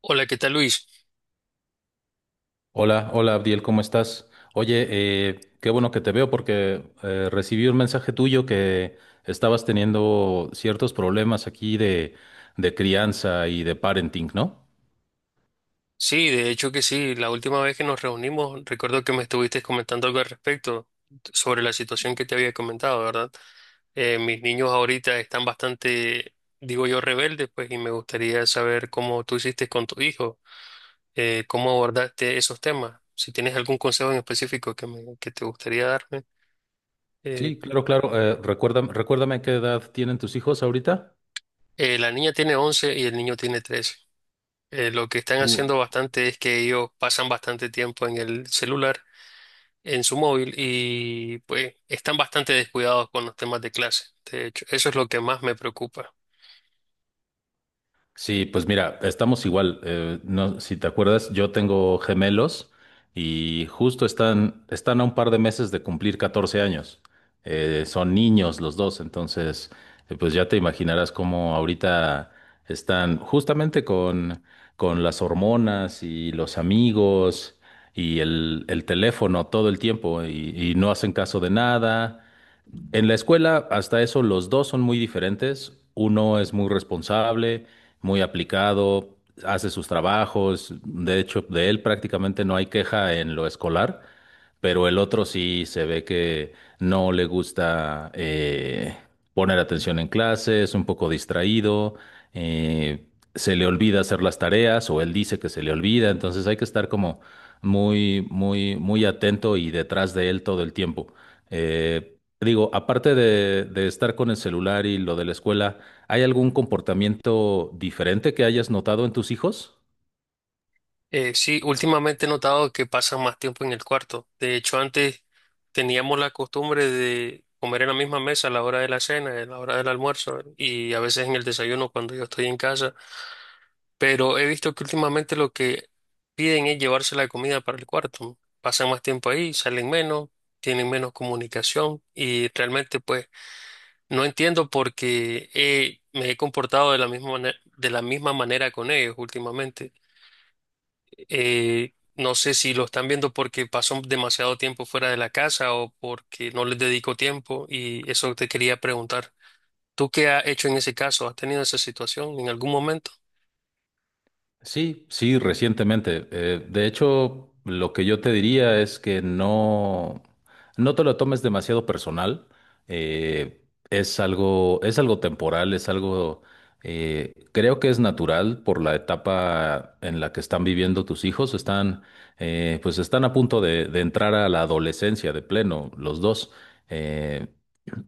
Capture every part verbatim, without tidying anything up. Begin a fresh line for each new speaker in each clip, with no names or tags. Hola, ¿qué tal Luis?
Hola, hola Abdiel, ¿cómo estás? Oye, eh, qué bueno que te veo porque eh, recibí un mensaje tuyo que estabas teniendo ciertos problemas aquí de, de crianza y de parenting, ¿no?
Sí, de hecho que sí. La última vez que nos reunimos, recuerdo que me estuviste comentando algo al respecto sobre la situación que te había comentado, ¿verdad? Eh, mis niños ahorita están bastante, digo yo, rebeldes, pues, y me gustaría saber cómo tú hiciste con tu hijo, eh, cómo abordaste esos temas. Si tienes algún consejo en específico que, me- que te gustaría darme. Eh,
Sí, claro, claro. Eh, recuérdame, recuérdame qué edad tienen tus hijos ahorita.
eh, la niña tiene once y el niño tiene trece. Eh, lo que están haciendo bastante es que ellos pasan bastante tiempo en el celular en su móvil y pues están bastante descuidados con los temas de clase. De hecho, eso es lo que más me preocupa.
Sí, pues mira, estamos igual. Eh, no, si te acuerdas, yo tengo gemelos y justo están, están a un par de meses de cumplir catorce años. Eh, son niños los dos, entonces, eh, pues ya te imaginarás cómo ahorita están justamente con, con las hormonas y los amigos y el, el teléfono todo el tiempo y, y no hacen caso de nada. En la escuela, hasta eso, los dos son muy diferentes. Uno es muy responsable, muy aplicado, hace sus trabajos. De hecho, de él prácticamente no hay queja en lo escolar, pero el otro sí se ve que no le gusta eh, poner atención en clase, es un poco distraído, eh, se le olvida hacer las tareas o él dice que se le olvida. Entonces hay que estar como muy, muy, muy atento y detrás de él todo el tiempo. Eh, digo, aparte de, de estar con el celular y lo de la escuela, ¿hay algún comportamiento diferente que hayas notado en tus hijos?
Eh, sí, últimamente he notado que pasan más tiempo en el cuarto. De hecho, antes teníamos la costumbre de comer en la misma mesa a la hora de la cena, a la hora del almuerzo y a veces en el desayuno cuando yo estoy en casa. Pero he visto que últimamente lo que piden es llevarse la comida para el cuarto. Pasan más tiempo ahí, salen menos, tienen menos comunicación y realmente pues no entiendo por qué. Eh, me he comportado de la misma manera, de la misma manera con ellos últimamente. Eh, no sé si lo están viendo porque paso demasiado tiempo fuera de la casa o porque no les dedico tiempo, y eso te quería preguntar. ¿Tú qué has hecho en ese caso? ¿Has tenido esa situación en algún momento?
Sí, sí, recientemente. Eh, de hecho, lo que yo te diría es que no, no te lo tomes demasiado personal. Eh, es algo, es algo temporal, es algo, eh, creo que es natural por la etapa en la que están viviendo tus hijos. Están, eh, pues están a punto de, de entrar a la adolescencia de pleno, los dos. Eh,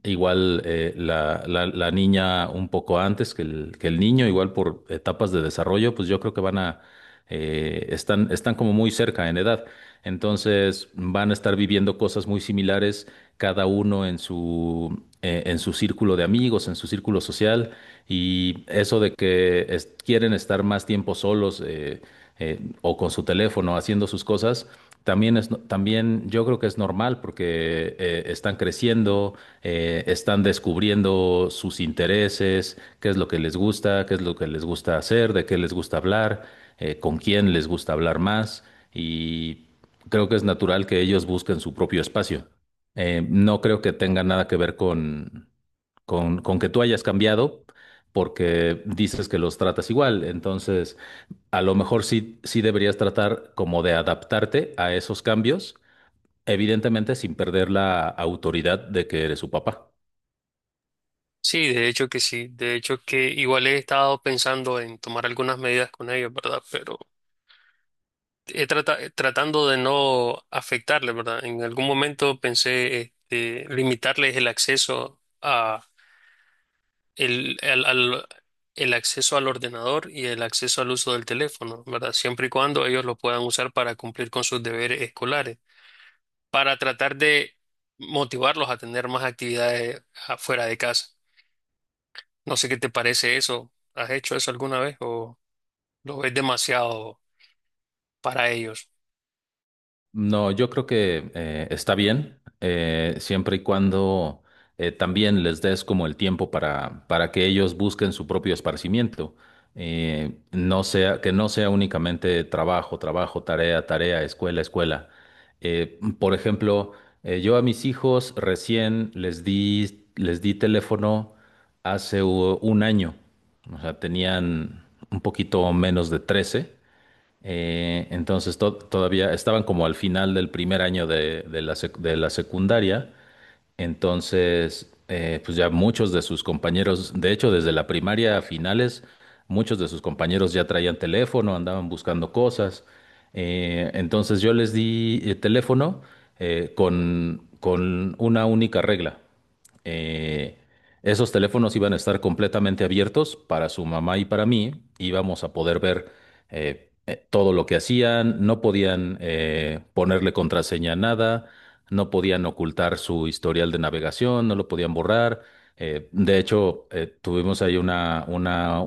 Igual eh, la, la, la niña un poco antes que el, que el niño, igual por etapas de desarrollo, pues yo creo que van a, eh, están, están como muy cerca en edad. Entonces van a estar viviendo cosas muy similares, cada uno en su, eh, en su círculo de amigos, en su círculo social, y eso de que es- quieren estar más tiempo solos, eh, eh, o con su teléfono haciendo sus cosas. También es, no- También yo creo que es normal porque eh, están creciendo, eh, están descubriendo sus intereses, qué es lo que les gusta, qué es lo que les gusta hacer, de qué les gusta hablar, eh, con quién les gusta hablar más, y creo que es natural que ellos busquen su propio espacio. Eh, no creo que tenga nada que ver con con, con que tú hayas cambiado, porque dices que los tratas igual. Entonces, a lo mejor sí, sí deberías tratar como de adaptarte a esos cambios, evidentemente sin perder la autoridad de que eres su papá.
Sí, de hecho que sí. De hecho que igual he estado pensando en tomar algunas medidas con ellos, ¿verdad? Pero he trata- tratando de no afectarle, ¿verdad? En algún momento pensé este, limitarles el acceso a el, al- al- el acceso al ordenador y el acceso al uso del teléfono, ¿verdad? Siempre y cuando ellos lo puedan usar para cumplir con sus deberes escolares, para tratar de motivarlos a tener más actividades afuera de casa. No sé qué te parece eso. ¿Has hecho eso alguna vez o lo ves demasiado para ellos?
No, yo creo que eh, está bien, eh, siempre y cuando eh, también les des como el tiempo para, para que ellos busquen su propio esparcimiento. Eh, no sea, que no sea únicamente trabajo, trabajo, tarea, tarea, escuela, escuela. Eh, por ejemplo, eh, yo a mis hijos recién les di, les di teléfono hace u- un año. O sea, tenían un poquito menos de trece, eh, entonces to- todavía estaban como al final del primer año de, de la sec- de la secundaria. Entonces, eh, pues ya muchos de sus compañeros, de hecho, desde la primaria a finales, muchos de sus compañeros ya traían teléfono, andaban buscando cosas. Eh, entonces yo les di, eh, teléfono, eh, con, con una única regla. Eh, Esos teléfonos iban a estar completamente abiertos para su mamá y para mí. Íbamos a poder ver eh, eh, todo lo que hacían, no podían eh, ponerle contraseña a nada, no podían ocultar su historial de navegación, no lo podían borrar. Eh, de hecho, eh, tuvimos ahí una, una,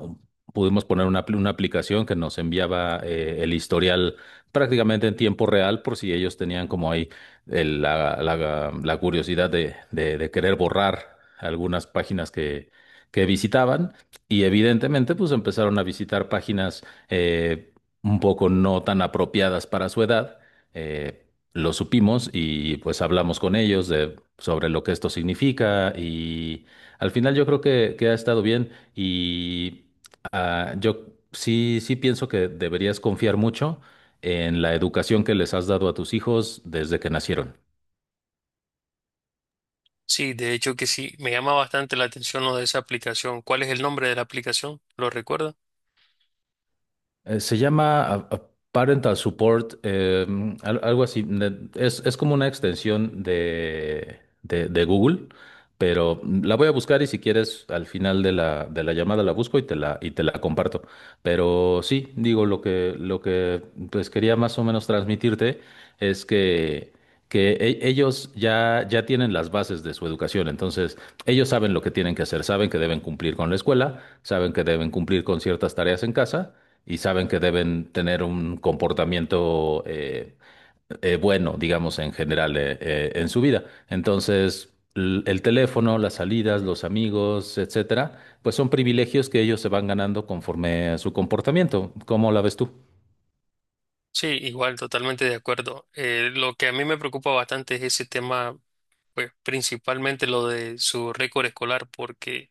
pudimos poner una, apl- una aplicación que nos enviaba, eh, el historial prácticamente en tiempo real, por si ellos tenían como ahí el- la, la- la curiosidad de, de- de querer borrar algunas páginas que, que visitaban. Y evidentemente, pues empezaron a visitar páginas, eh, un poco no tan apropiadas para su edad. eh, lo supimos y pues hablamos con ellos de, sobre lo que esto significa, y al final yo creo que, que ha estado bien. Y ah, yo sí, sí pienso que deberías confiar mucho en la educación que les has dado a tus hijos desde que nacieron.
Sí, de hecho que sí, me llama bastante la atención lo de esa aplicación. ¿Cuál es el nombre de la aplicación? ¿Lo recuerda?
Eh, se llama a- a Parental Support, eh, mm, al- algo así. Ne- Es, es como una extensión de, de, de Google, pero mm, la voy a buscar y si quieres, al final de la, de la llamada la busco y te la, y te la comparto. Pero sí, digo, lo que, lo que pues quería más o menos transmitirte es que, que e- ellos ya, ya tienen las bases de su educación. Entonces ellos saben lo que tienen que hacer, saben que deben cumplir con la escuela, saben que deben cumplir con ciertas tareas en casa y saben que deben tener un comportamiento eh, eh, bueno, digamos, en general, eh, eh, en su vida. Entonces, l- el teléfono, las salidas, los amigos, etcétera, pues son privilegios que ellos se van ganando conforme a su comportamiento. ¿Cómo la ves tú?
Sí, igual, totalmente de acuerdo. Eh, lo que a mí me preocupa bastante es ese tema, pues principalmente lo de su récord escolar, porque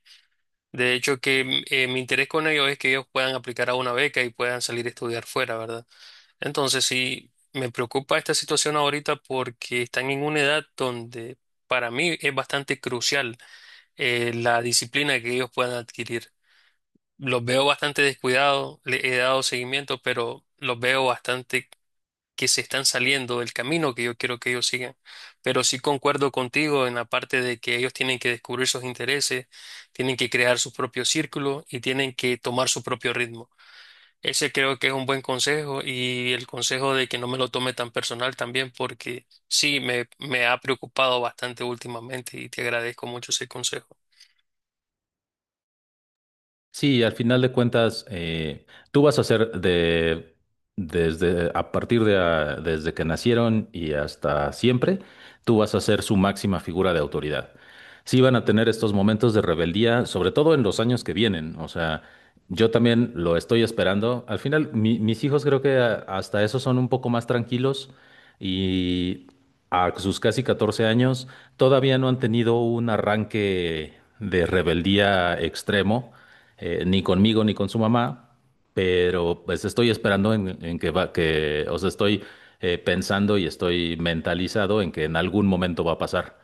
de hecho que mm, eh, mi interés con ellos es que ellos puedan aplicar a una beca y puedan salir a estudiar fuera, ¿verdad? Entonces sí, me preocupa esta situación ahorita porque están en una edad donde para mí es bastante crucial eh, la disciplina que ellos puedan adquirir. Los veo bastante descuidados, le he dado seguimiento, pero los veo bastante que se están saliendo del camino que yo quiero que ellos sigan. Pero sí concuerdo contigo en la parte de que ellos tienen que descubrir sus intereses, tienen que crear su propio círculo y tienen que tomar su propio ritmo. Ese creo que es un buen consejo, y el consejo de que no me lo tome tan personal también, porque sí me, me ha preocupado bastante últimamente, y te agradezco mucho ese consejo.
Sí, al final de cuentas, eh, tú vas a ser de, desde, a partir de, ah, desde que nacieron y hasta siempre, tú vas a ser su máxima figura de autoridad. Sí van a tener estos momentos de rebeldía, sobre todo en los años que vienen. O sea, yo también lo estoy esperando. Al final, mi- mis hijos creo que a- hasta eso son un poco más tranquilos, y a sus casi catorce años todavía no han tenido un arranque de rebeldía extremo, eh, ni conmigo ni con su mamá. Pero pues estoy esperando en, en que va, que, o sea, estoy, eh, pensando y estoy mentalizado en que en algún momento va a pasar.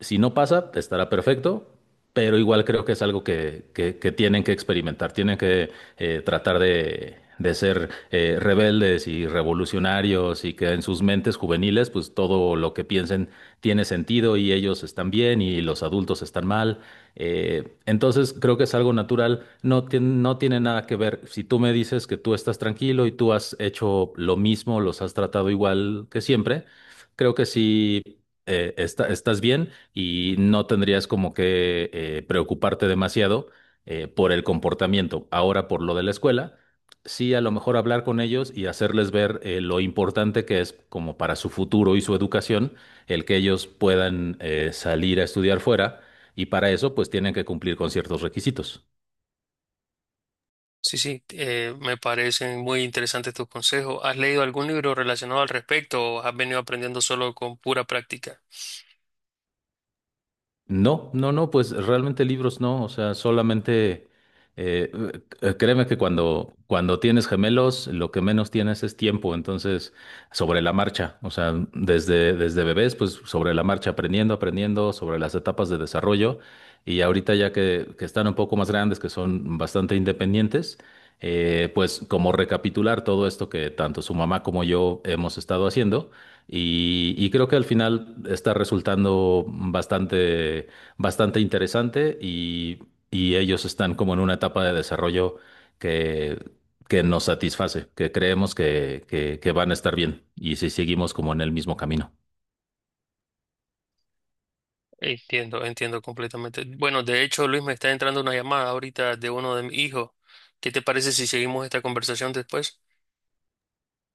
Si no pasa, estará perfecto, pero igual creo que es algo que, que- que tienen que experimentar, tienen que eh, tratar de, de ser, eh, rebeldes y revolucionarios, y que en sus mentes juveniles, pues todo lo que piensen tiene sentido y ellos están bien y los adultos están mal. Eh, entonces creo que es algo natural. No, tien- no tiene nada que ver. Si tú me dices que tú estás tranquilo y tú has hecho lo mismo, los has tratado igual que siempre, creo que sí, eh, está- estás bien y no tendrías como que eh, preocuparte demasiado, eh, por el comportamiento. Ahora, por lo de la escuela, sí, a lo mejor hablar con ellos y hacerles ver, eh, lo importante que es como para su futuro y su educación, el que ellos puedan eh, salir a estudiar fuera, y para eso pues tienen que cumplir con ciertos requisitos.
Sí, sí, eh, me parecen muy interesantes tus consejos. ¿Has leído algún libro relacionado al respecto o has venido aprendiendo solo con pura práctica?
No, no, no, pues realmente libros no, o sea, solamente eh, eh, créeme que cuando, cuando tienes gemelos, lo que menos tienes es tiempo. Entonces sobre la marcha, o sea, desde, desde bebés, pues sobre la marcha, aprendiendo, aprendiendo sobre las etapas de desarrollo. Y ahorita ya que, que están un poco más grandes, que son bastante independientes, eh, pues como recapitular todo esto que tanto su mamá como yo hemos estado haciendo, y, y creo que al final está resultando bastante, bastante interesante, y, y ellos están como en una etapa de desarrollo que, que nos satisface, que creemos que, que, que van a estar bien y si seguimos como en el mismo camino.
Entiendo, entiendo completamente. Bueno, de hecho, Luis, me está entrando una llamada ahorita de uno de mis hijos. ¿Qué te parece si seguimos esta conversación después?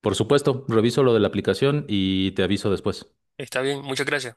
Por supuesto, reviso lo de la aplicación y te aviso después.
Está bien, muchas gracias.